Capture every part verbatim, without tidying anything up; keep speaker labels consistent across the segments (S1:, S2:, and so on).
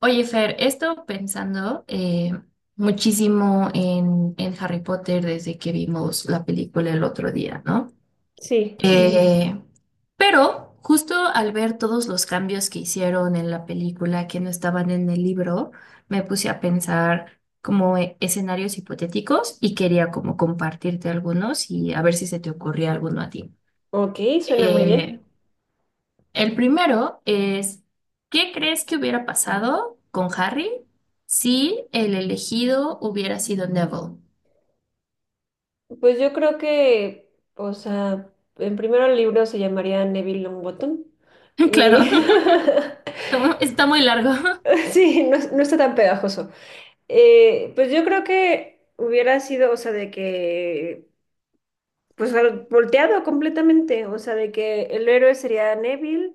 S1: Oye, Fer, he estado pensando eh, muchísimo en, en Harry Potter desde que vimos la película el otro día, ¿no?
S2: Sí,
S1: Eh, pero justo al ver todos los cambios que hicieron en la película que no estaban en el libro, me puse a pensar como e- escenarios hipotéticos y quería como compartirte algunos y a ver si se te ocurría alguno a ti.
S2: ok, suena muy bien.
S1: Eh, el primero es, ¿qué crees que hubiera pasado con Harry si el elegido hubiera sido Neville?
S2: Pues yo creo que, o sea, en primero el libro se llamaría Neville Longbottom
S1: Claro,
S2: y
S1: está muy largo.
S2: sí, no, es no está tan pegajoso. Eh, pues yo creo que hubiera sido, o sea, de que, pues al- volteado completamente, o sea, de que el héroe sería Neville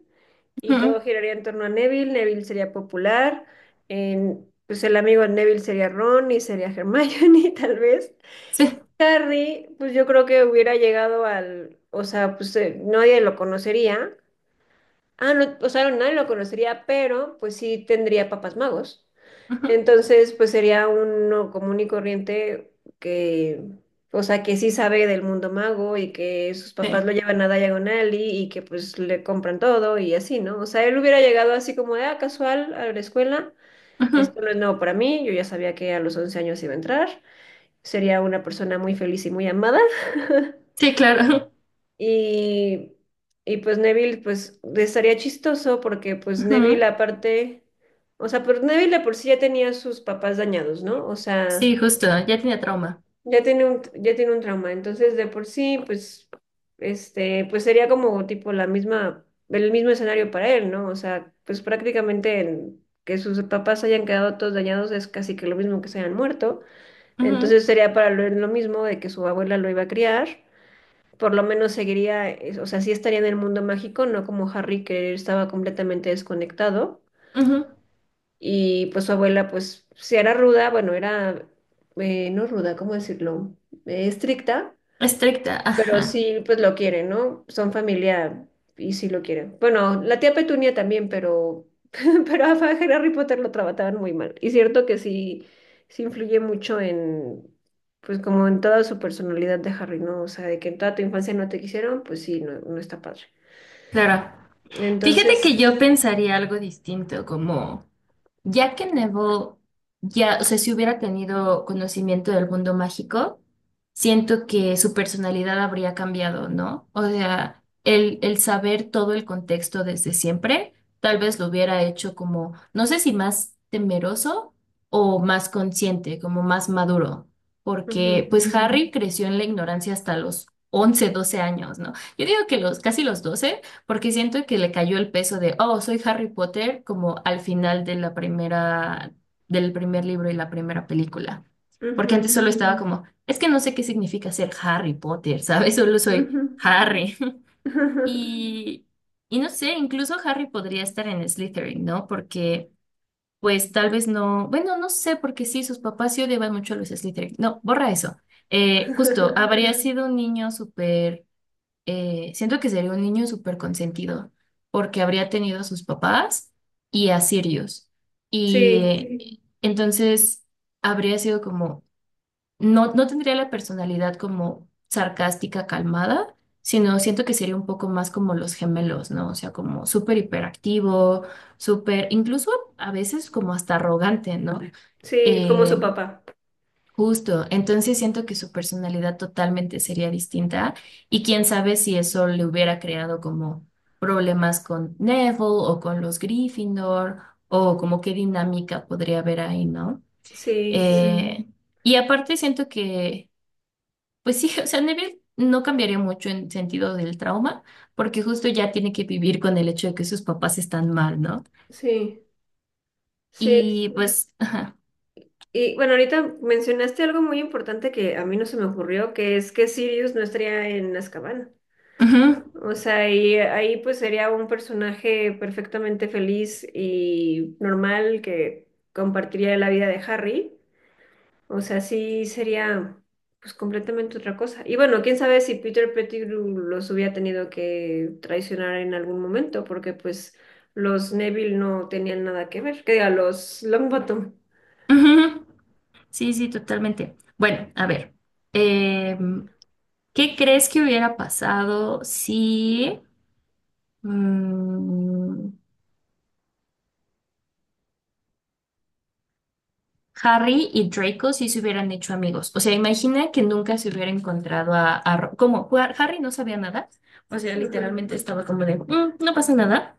S2: y
S1: Ujú.
S2: todo giraría en torno a Neville, Neville sería popular, en- pues el amigo de Neville sería Ron y sería Hermione tal vez.
S1: Sí,
S2: Harry, pues yo creo que hubiera llegado al, o sea, pues eh, nadie lo conocería. Ah, no, o sea, nadie lo conocería, pero pues sí tendría papás magos.
S1: ujú,
S2: Entonces, pues sería uno común y corriente que, o sea, que sí sabe del mundo mago y que sus
S1: sí,
S2: papás lo llevan a Diagon Alley y que pues le compran todo y así, ¿no? O sea, él hubiera llegado así como de, ah, casual a la escuela.
S1: ujú.
S2: Esto no es nuevo para mí, yo ya sabía que a los once años iba a entrar sería una persona muy feliz y muy amada.
S1: Sí, claro.
S2: Y, y pues Neville, pues estaría chistoso porque pues Neville
S1: Ujú.
S2: aparte, o sea, pero Neville de por sí ya tenía sus papás dañados, ¿no? O sea,
S1: Sí, justo, ya tenía trauma.
S2: ya tiene un, ya tiene un trauma, entonces de por sí, pues, este, pues sería como tipo la misma, el mismo escenario para él, ¿no? O sea, pues prácticamente en- que sus papás hayan quedado todos dañados es casi que lo mismo que se hayan muerto.
S1: Ujú,
S2: Entonces sería para Lore lo mismo de que su abuela lo iba a criar. Por lo menos seguiría, eh, o sea, sí estaría en el mundo mágico, no como Harry que estaba completamente desconectado.
S1: ujú.
S2: Y pues su abuela, pues, si era ruda, bueno, era, eh, no ruda, ¿cómo decirlo? Eh, estricta,
S1: Estricta,
S2: pero
S1: ajá,
S2: sí, pues lo quieren, ¿no? Son familia y sí lo quieren. Bueno, la tía Petunia también, pero, pero a Harry Potter lo trataban muy mal. Y cierto que sí, sí influye mucho en, pues como en toda su personalidad de Harry, ¿no? O sea, de que en toda tu infancia no te quisieron, pues sí, no, no está padre.
S1: claro.
S2: Entonces,
S1: Fíjate que yo pensaría algo distinto, como ya que Neville ya, o sea, si hubiera tenido conocimiento del mundo mágico, siento que su personalidad habría cambiado, ¿no? O sea, el, el saber todo el contexto desde siempre, tal vez lo hubiera hecho como, no sé si más temeroso o más consciente, como más maduro, porque
S2: ujú,
S1: pues, ujú, Harry creció en la ignorancia hasta los once doce años, ¿no? Yo digo que los casi los doce, porque siento que le cayó el peso de, oh, soy Harry Potter, como al final de la primera, del primer libro y la primera película. Porque
S2: ujú,
S1: antes solo estaba Mm, como, es que no sé qué significa ser Harry Potter, ¿sabes? Solo soy
S2: ujú.
S1: Harry. Y, y no sé, incluso Harry podría estar en Slytherin, ¿no? Porque, pues tal vez no, bueno, no sé, porque sí, sus papás sí odiaban mucho a los Slytherin. No, borra eso. Eh, justo, habría mm. sido un niño súper eh, siento que sería un niño súper consentido, porque habría tenido a sus papás y a Sirius. Y
S2: Sí,
S1: eh, entonces habría sido como, no, no tendría la personalidad como sarcástica, calmada, sino siento que sería un poco más como los gemelos, ¿no? O sea, como súper hiperactivo, súper, incluso a veces como hasta arrogante, ¿no?
S2: sí, como su
S1: Eh,
S2: papá.
S1: Justo, entonces siento que su personalidad totalmente sería distinta y quién sabe si eso le hubiera creado como problemas con Neville o con los Gryffindor o como qué dinámica podría haber ahí, ¿no? Sí.
S2: Sí,
S1: Eh, y aparte siento que, pues sí, o sea, Neville no cambiaría mucho en sentido del trauma porque justo ya tiene que vivir con el hecho de que sus papás están mal, ¿no?
S2: sí, sí.
S1: Y sí, pues,
S2: Y bueno, ahorita mencionaste algo muy importante que a mí no se me ocurrió, que es que Sirius no estaría en Azkaban. O sea, y ahí pues sería un personaje perfectamente feliz y normal que compartiría la vida de Harry. O sea, sí sería pues completamente otra cosa. Y bueno, quién sabe si Peter Pettigrew los hubiera tenido que traicionar en algún momento, porque pues los Neville no tenían nada que ver. Que diga, los Longbottom.
S1: ujú. Sí, sí, totalmente. Bueno, a ver, em, ¿qué crees que hubiera pasado si mm, Harry y Draco sí se hubieran hecho amigos? O sea, imagina que nunca se hubiera encontrado a, a Ro- como Har- Harry no sabía nada, o sea,
S2: Ajá,
S1: literalmente estaba como de, "Mm, no pasa nada,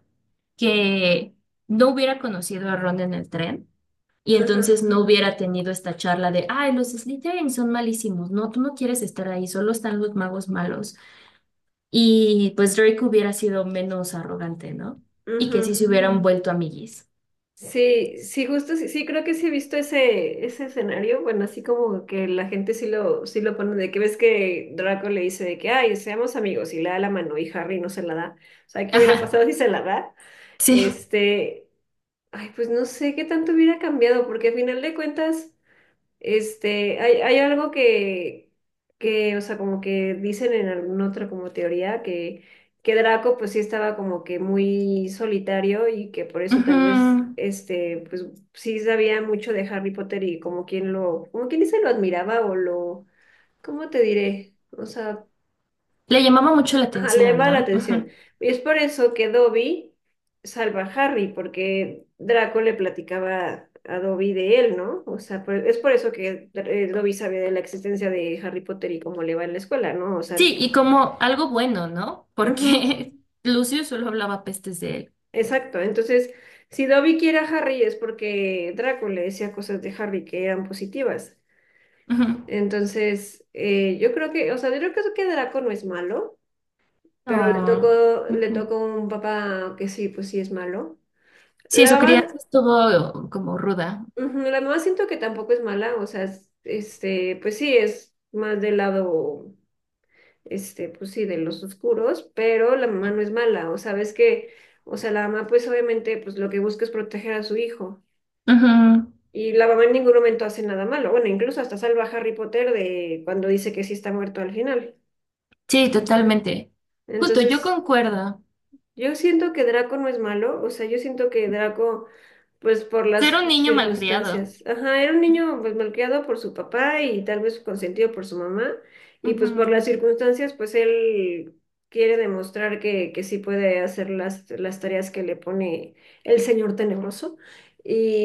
S1: que no hubiera conocido a Ron en el tren. Y entonces
S2: ajá,
S1: no hubiera tenido esta charla de, ay, los Slytherin son malísimos, no, tú no quieres estar ahí, solo están los magos malos. Y pues Draco hubiera sido menos arrogante, ¿no? Y que sí
S2: ujú.
S1: se hubieran vuelto amiguis.
S2: Sí, sí, justo, sí, sí, creo que sí he visto ese, ese escenario, bueno, así como que la gente sí lo, sí lo pone, de que ves que Draco le dice de que, ay, seamos amigos, y le da la mano, y Harry no se la da, o sea, ¿qué hubiera
S1: Ajá,
S2: pasado si se la da?
S1: sí.
S2: Este, ay, pues no sé qué tanto hubiera cambiado, porque al final de cuentas... Este, hay, hay algo que, que, o sea, como que dicen en alguna otra como teoría que, que Draco pues sí estaba como que muy solitario y que por eso tal vez,
S1: Ujú.
S2: este, pues sí sabía mucho de Harry Potter y como quien lo, como quien dice lo admiraba o lo, ¿cómo te diré? O sea,
S1: Le llamaba mucho la
S2: ajá, le
S1: atención,
S2: llamaba la
S1: ¿no?
S2: atención.
S1: Ujú.
S2: Y es por eso que Dobby salva a Harry, porque Draco le platicaba a Dobby de él, ¿no? O sea, por- es por eso que eh, Dobby sabía de la existencia de Harry Potter y cómo le va en la escuela, ¿no? O sea,
S1: Sí, y como algo bueno, ¿no?
S2: ujú,
S1: Porque Lucio solo hablaba pestes de él.
S2: exacto. Entonces, si Dobby quiere a Harry es porque Draco le decía cosas de Harry que eran positivas.
S1: Ujú.
S2: Entonces, eh, yo creo que, o sea, yo creo que eso que Draco no es malo, pero le
S1: No.
S2: tocó, le
S1: Ujú.
S2: tocó un papá que sí, pues sí es malo.
S1: Sí, su
S2: La mamá,
S1: crianza estuvo como ruda.
S2: ujú, la mamá siento que tampoco es mala, o sea, es- este, pues sí, es más del lado, este, pues sí, de los oscuros, pero la mamá no
S1: Ujú.
S2: es mala, o sea, ves que, o sea, la mamá pues obviamente pues lo que busca es proteger a su hijo.
S1: Ujú.
S2: Y la mamá en ningún momento hace nada malo, bueno, incluso hasta salva a Harry Potter de cuando dice que sí está muerto al final.
S1: Sí, totalmente. Justo, yo
S2: Entonces,
S1: concuerdo.
S2: yo siento que Draco no es malo, o sea, yo siento que Draco, pues por
S1: Ser
S2: las
S1: un niño malcriado.
S2: circunstancias, ajá, era un niño pues malcriado por su papá y tal vez consentido por su mamá, y
S1: Ujú.
S2: pues por las circunstancias, pues él quiere demostrar que, que sí puede hacer las, las tareas que le pone el señor tenebroso,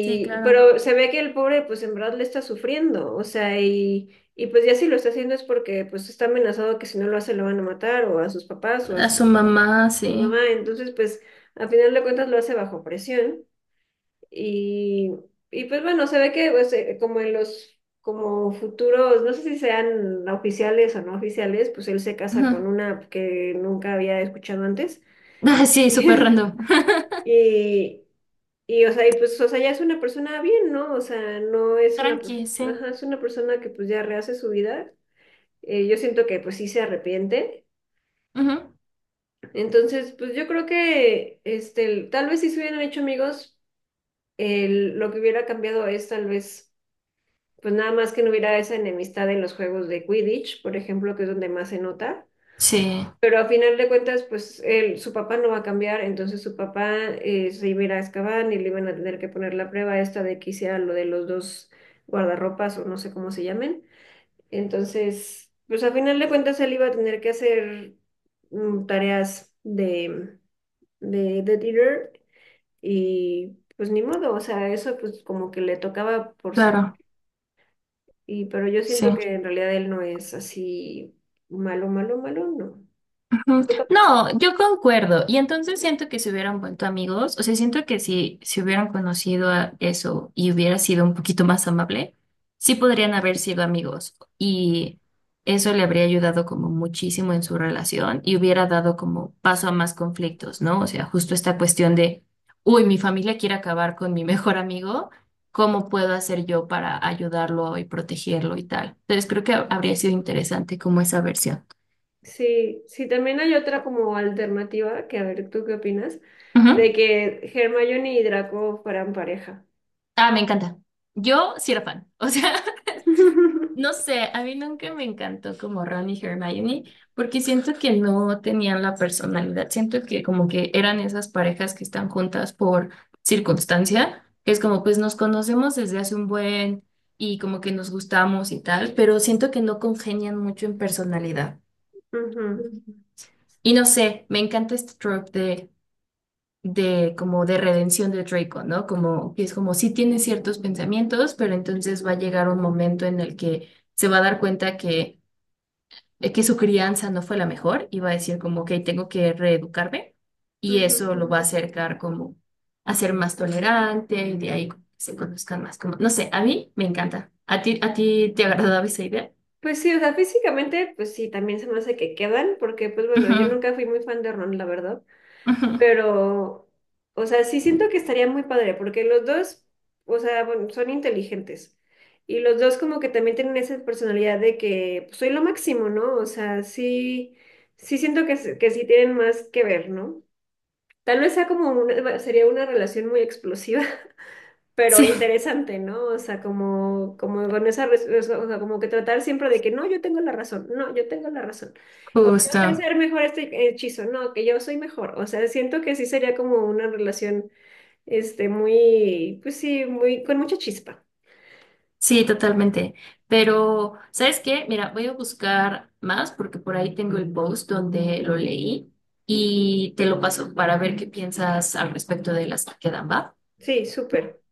S1: Sí, claro.
S2: pero se ve que el pobre pues en verdad le está sufriendo, o sea, y, y pues ya si lo está haciendo es porque pues está amenazado que si no lo hace lo van a matar o a sus papás o a,
S1: A
S2: su-
S1: su mamá,
S2: su
S1: sí.
S2: mamá, entonces pues a final de cuentas lo hace bajo presión y, y pues bueno, se ve que pues, eh, como en los como futuros, no sé si sean oficiales o no oficiales, pues él se casa
S1: Ujú.
S2: con una que nunca había escuchado antes
S1: Ah, sí, súper random.
S2: y, y o sea, y pues o sea, ya es una persona bien, ¿no? O sea, no es una,
S1: Tranqui,
S2: persona
S1: sí.
S2: es una persona que pues ya rehace su vida. Eh, yo siento que pues sí se arrepiente.
S1: Ujú.
S2: Entonces, pues yo creo que este, tal vez sí se hubieran hecho amigos, el- lo que hubiera cambiado es tal vez, pues nada más que no hubiera esa enemistad en los juegos de Quidditch, por ejemplo, que es donde más se nota.
S1: Sí,
S2: Pero a final de cuentas, pues él, su papá no va a cambiar, entonces su papá eh, se iba a ir a Azkaban y le iban a tener que poner la prueba esta de que hiciera lo de los dos guardarropas o no sé cómo se llamen. Entonces, pues a final de cuentas él iba a tener que hacer mm, tareas de, de, de y pues ni modo, o sea, eso pues como que le tocaba por sangre.
S1: claro,
S2: Y, pero yo siento
S1: sí.
S2: que en realidad él no es así malo, malo, malo, no.
S1: Mm,
S2: Tu papá sí.
S1: no, yo concuerdo. Y entonces siento que se hubieran vuelto amigos, o sea, siento que si se hubieran conocido a eso y hubiera sido un poquito más amable, sí podrían haber sido amigos. Y eso le habría ayudado como muchísimo en su relación y hubiera dado como paso a más conflictos, ¿no? O sea, justo esta cuestión de, uy, mi familia quiere acabar con mi mejor amigo, ¿cómo puedo hacer yo para ayudarlo y protegerlo y tal? Entonces creo que habría sido interesante como esa versión.
S2: Sí, sí, también hay otra como alternativa, que a ver, ¿tú qué opinas? De
S1: Ujú.
S2: que Hermione y Draco fueran pareja.
S1: Ah, me encanta. Yo sí era fan. O sea, no sé, a mí nunca me encantó como Ron y Hermione, porque siento que no tenían la personalidad. Siento que como que eran esas parejas que están juntas por circunstancia, que es como pues nos conocemos desde hace un buen y como que nos gustamos y tal, pero siento que no congenian mucho en personalidad.
S2: Ujú.
S1: Y no sé, me encanta este trope de de como de redención de Draco, ¿no? Como que es como si tiene ciertos pensamientos, pero entonces va a llegar un momento en el que se va a dar cuenta que, eh, que su crianza no fue la mejor y va a decir como, ok, tengo que reeducarme y
S2: Ujú.
S1: eso lo va a acercar como a ser más tolerante y de ahí como que se conozcan más, como, no sé, a mí me encanta. ¿A ti, a ti te agradaba esa idea?
S2: Pues sí, o sea, físicamente, pues sí, también se me hace que quedan, porque pues bueno, yo
S1: Ujú,
S2: nunca fui muy fan de Ron, la verdad,
S1: ujú.
S2: pero, o sea, sí siento que estaría muy padre, porque los dos, o sea, bueno, son inteligentes. Y los dos como que también tienen esa personalidad de que pues, soy lo máximo, ¿no? O sea, sí, sí siento que, s- que sí tienen más que ver, ¿no? Tal vez sea como una, sería una relación muy explosiva, pero
S1: Sí,
S2: interesante, ¿no? O sea, como, como con esa, res- o sea, o sea, como que tratar siempre de que no, yo tengo la razón, no, yo tengo la razón, o yo sé
S1: justo.
S2: hacer mejor este hechizo, no, que yo soy mejor, o sea, siento que sí sería como una relación, este, muy, pues sí, muy, con mucha chispa,
S1: Sí, totalmente. Pero, ¿sabes qué? Mira, voy a buscar más porque por ahí tengo el post donde lo leí y te lo paso para ver qué piensas al respecto de las que quedan, ¿va?
S2: sí, súper.